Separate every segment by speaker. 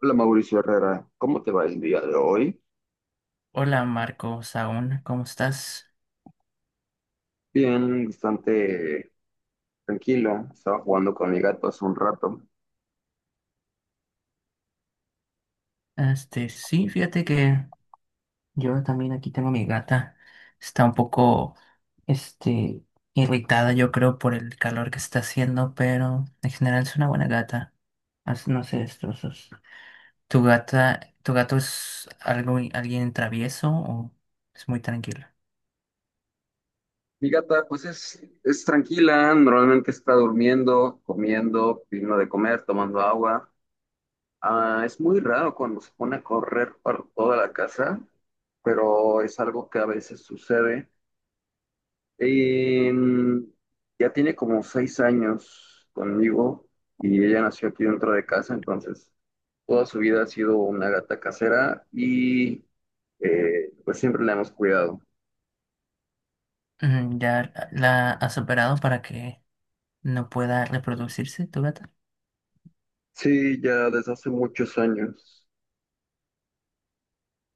Speaker 1: Hola Mauricio Herrera, ¿cómo te va el día de hoy?
Speaker 2: Hola Marcos, aún, ¿cómo estás?
Speaker 1: Bien, bastante tranquilo. Estaba jugando con mi gato hace un rato.
Speaker 2: Sí, fíjate que yo también aquí tengo a mi gata. Está un poco, este, irritada, yo creo, por el calor que está haciendo, pero en general es una buena gata. No sé, destrozos. ¿Tu gata, tu gato es algo, alguien travieso o es muy tranquilo?
Speaker 1: Mi gata, pues es tranquila, normalmente está durmiendo, comiendo, pidiendo de comer, tomando agua. Ah, es muy raro cuando se pone a correr por toda la casa, pero es algo que a veces sucede. Em, ya tiene como 6 años conmigo y ella nació aquí dentro de casa, entonces toda su vida ha sido una gata casera y pues siempre la hemos cuidado.
Speaker 2: Mm, ¿ya la has operado para que no pueda reproducirse tu gata?
Speaker 1: Sí, ya desde hace muchos años.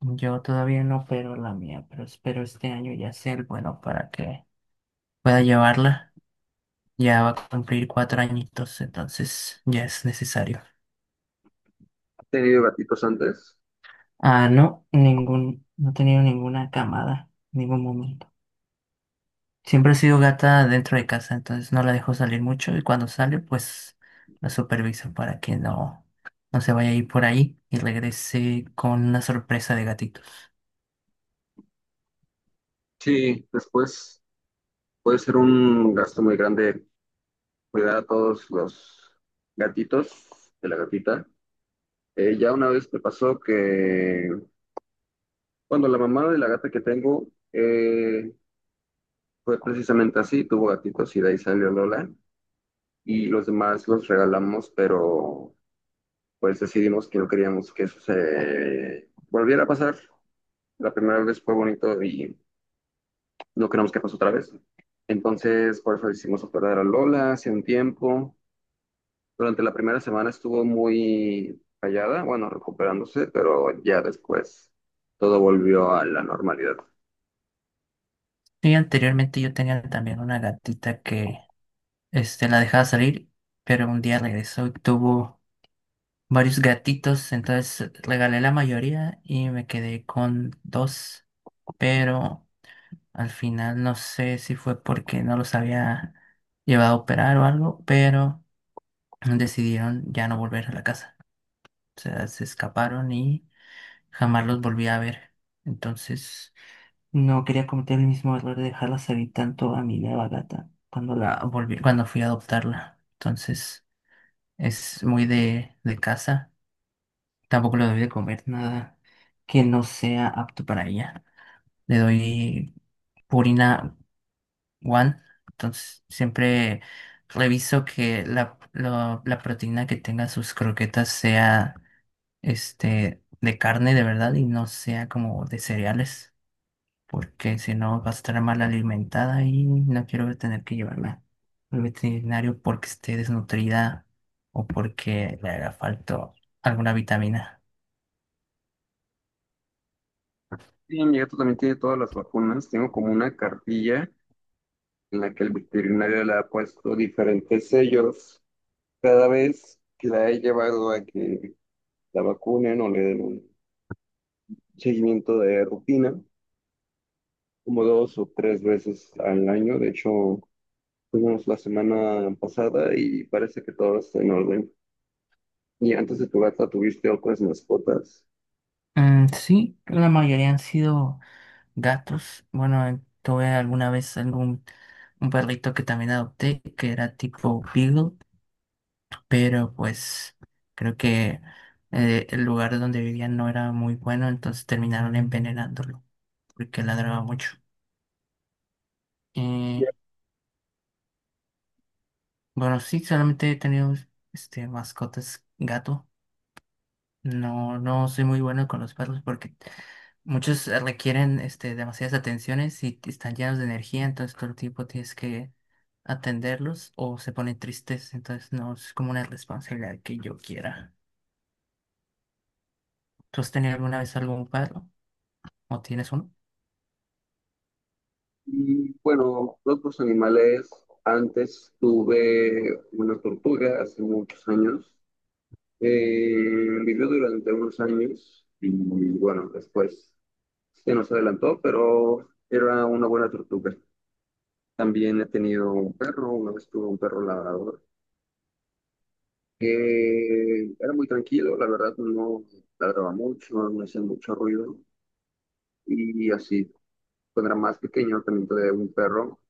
Speaker 2: Yo todavía no opero la mía, pero espero este año ya ser bueno para que pueda llevarla. Ya va a cumplir 4 añitos, entonces ya es necesario.
Speaker 1: ¿Ha tenido gatitos antes?
Speaker 2: Ah, no, ningún, no he tenido ninguna camada, ningún momento. Siempre he sido gata dentro de casa, entonces no la dejo salir mucho y cuando sale, pues la superviso para que no, no se vaya a ir por ahí y regrese con una sorpresa de gatitos.
Speaker 1: Sí, después puede ser un gasto muy grande cuidar a todos los gatitos de la gatita. Ya una vez me pasó que, cuando la mamá de la gata que tengo eh, fue precisamente así, tuvo gatitos y de ahí salió Lola y los demás los regalamos, pero pues decidimos que no queríamos que eso se volviera a pasar. La primera vez fue bonito y no queremos que pase otra vez. Entonces, por eso hicimos operar a Lola hace un tiempo. Durante la primera semana estuvo muy callada, bueno, recuperándose, pero ya después todo volvió a la normalidad.
Speaker 2: Sí, anteriormente yo tenía también una gatita que la dejaba salir, pero un día regresó y tuvo varios gatitos, entonces regalé la mayoría y me quedé con dos, pero al final no sé si fue porque no los había llevado a operar o algo, pero decidieron ya no volver a la casa. O sea, se escaparon y jamás los volví a ver. Entonces, no quería cometer el mismo error de dejarla salir tanto a mi nueva gata cuando la volví, cuando fui a adoptarla. Entonces, es muy de casa. Tampoco le doy de comer nada que no sea apto para ella. Le doy Purina One. Entonces, siempre reviso que la proteína que tenga sus croquetas sea de carne de verdad y no sea como de cereales, porque si no vas a estar mal alimentada y no quiero tener que llevarla al veterinario porque esté desnutrida o porque le haga falta alguna vitamina.
Speaker 1: Y mi gato también tiene todas las vacunas. Tengo como una cartilla en la que el veterinario le ha puesto diferentes sellos cada vez que la he llevado a que la vacunen o le den un seguimiento de rutina, como 2 o 3 veces al año. De hecho, fuimos la semana pasada y parece que todo está en orden. Y antes de tu gata tuviste otras mascotas.
Speaker 2: Mm, sí, la mayoría han sido gatos. Bueno, tuve alguna vez algún un perrito que también adopté que era tipo Beagle, pero pues creo que el lugar donde vivían no era muy bueno, entonces terminaron envenenándolo porque ladraba mucho.
Speaker 1: Y
Speaker 2: Eh, Bueno, sí, solamente he tenido mascotas gato. No, no soy muy bueno con los perros porque muchos requieren demasiadas atenciones y están llenos de energía, entonces todo el tiempo tienes que atenderlos o se ponen tristes, entonces no es como una responsabilidad que yo quiera. ¿Tú has tenido alguna vez algún perro o tienes uno?
Speaker 1: aquí, bueno, otros animales. Antes tuve una tortuga hace muchos años. Eh, Vivió durante unos años y bueno, después se nos adelantó, pero era una buena tortuga. También he tenido un perro, una vez tuve un perro labrador, que era muy tranquilo, la verdad no ladraba mucho, no hacía mucho ruido y así. Cuando era más pequeño también tuve un perro,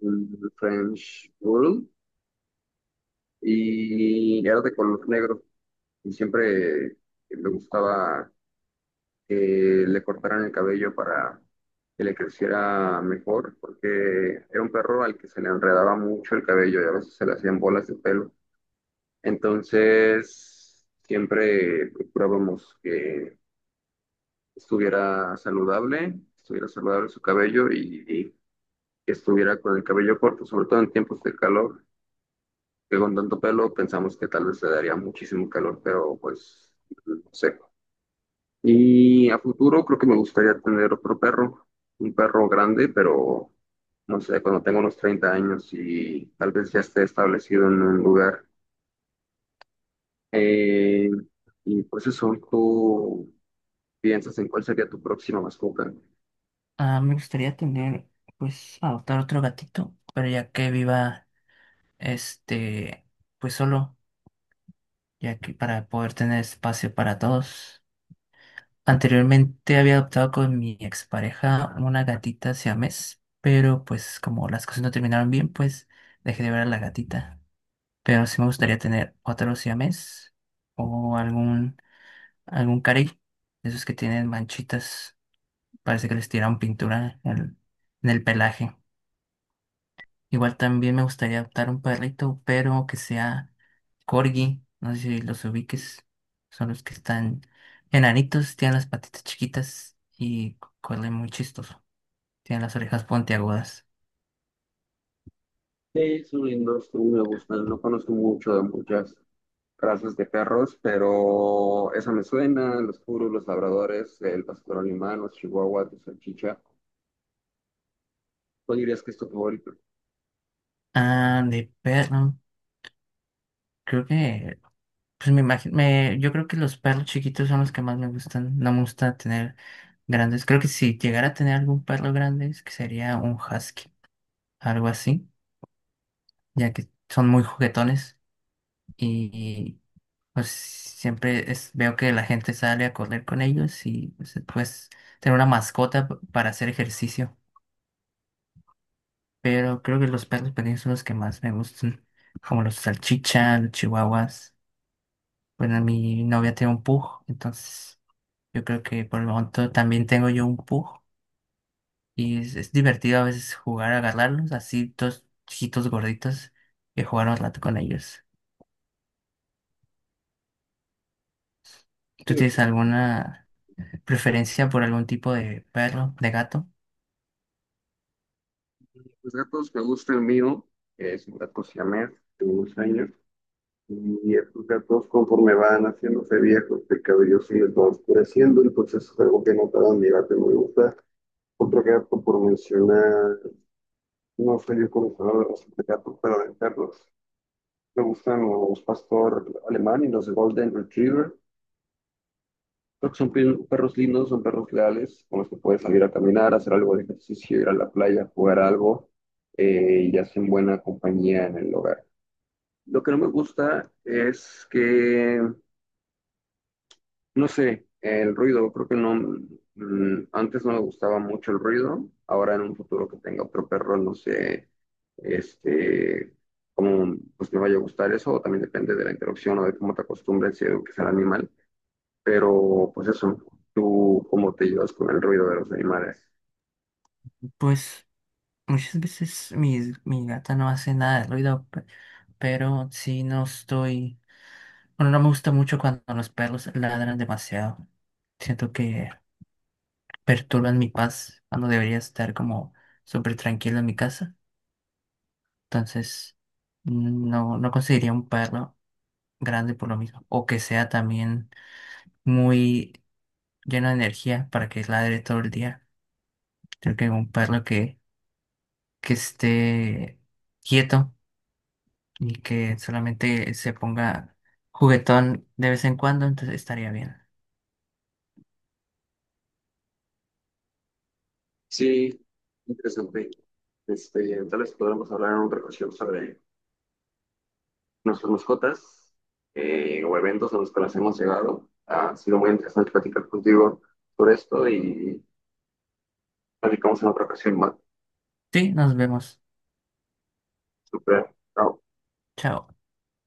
Speaker 1: un French Poodle, y era de color negro y siempre me gustaba le cortaran el cabello para que le creciera mejor, porque era un perro al que se le enredaba mucho el cabello y a veces se le hacían bolas de pelo. Entonces, siempre procurábamos que estuviera saludable su cabello y que estuviera con el cabello corto, sobre todo en tiempos de calor, que con tanto pelo pensamos que tal vez le daría muchísimo calor, pero pues no sé. Y a futuro creo que me gustaría tener otro perro, un perro grande, pero no sé, cuando tenga unos 30 años y tal vez ya esté establecido en un lugar. Eh, y pues eso, ¿tú piensas en cuál sería tu próxima mascota?
Speaker 2: Ah, me gustaría tener, pues, adoptar otro gatito, pero ya que viva, este, pues solo, ya que para poder tener espacio para todos. Anteriormente había adoptado con mi expareja una gatita siamés, pero pues como las cosas no terminaron bien, pues dejé de ver a la gatita. Pero sí me gustaría tener otro siamés o algún carey, de esos que tienen manchitas, parece que les tiraron pintura en en el pelaje. Igual también me gustaría adoptar un perrito, pero que sea corgi. No sé si los ubiques. Son los que están enanitos, tienen las patitas chiquitas y corren muy chistoso. Tienen las orejas puntiagudas.
Speaker 1: Sí, son lindos, a mí me gustan. No conozco mucho de muchas razas de perros, pero esa me suena, los puros, los labradores, el pastor alemán, los chihuahuas, los salchicha. ¿Cuál dirías que es tu favorito?
Speaker 2: Ah, de perro. Creo que, pues me imagino, yo creo que los perros chiquitos son los que más me gustan. No me gusta tener grandes. Creo que si llegara a tener algún perro grande, es que sería un husky, algo así, ya que son muy juguetones. Y pues siempre es, veo que la gente sale a correr con ellos y pues tener una mascota para hacer ejercicio. Pero creo que los perros pequeños son los que más me gustan, como los salchichas, los chihuahuas. Bueno, mi novia tiene un pug, entonces yo creo que por el momento también tengo yo un pug y es divertido a veces jugar a agarrarlos, así dos chiquitos gorditos, y jugar un rato con ellos. ¿Tú tienes
Speaker 1: Divertido.
Speaker 2: alguna preferencia por algún tipo de perro, de gato?
Speaker 1: Los gatos que me gusta, el mío, es un gato siamés de unos años. Y estos gatos, conforme van haciéndose viejos, el cabello se les va oscureciendo, entonces es algo que notaba mi gato y me gusta. Otro gato, por mencionar, no soy yo conocedor de razas de gatos, pero de perros. Me gustan los pastor alemán y los golden retriever. Creo que son perros lindos, son perros leales, con los que puedes salir a caminar, hacer algo de ejercicio, ir a la playa, jugar algo, y hacen buena compañía en el hogar. Lo que no me gusta es que, no sé, el ruido, creo que no, mm, antes no me gustaba mucho el ruido, ahora en un futuro que tenga otro perro, no sé, este, cómo pues me vaya a gustar eso, o también depende de la interacción o de cómo te acostumbres y eduques al animal, pero pues eso, tú cómo te llevas con el ruido de los animales.
Speaker 2: Pues muchas veces mi gata no hace nada de ruido, pero sí no estoy... Bueno, no me gusta mucho cuando los perros ladran demasiado. Siento que perturban mi paz cuando debería estar como súper tranquilo en mi casa. Entonces, no, no conseguiría un perro grande por lo mismo. O que sea también muy lleno de energía para que ladre todo el día. Creo que un perro que esté quieto y que solamente se ponga juguetón de vez en cuando, entonces estaría bien.
Speaker 1: Sí, interesante. Tal vez podremos hablar en otra ocasión sobre nuestras mascotas o eventos a los que las hemos llegado. Ha sido muy interesante platicar contigo por esto y platicamos en otra ocasión más.
Speaker 2: Sí, nos vemos.
Speaker 1: Super, chao.
Speaker 2: Chao.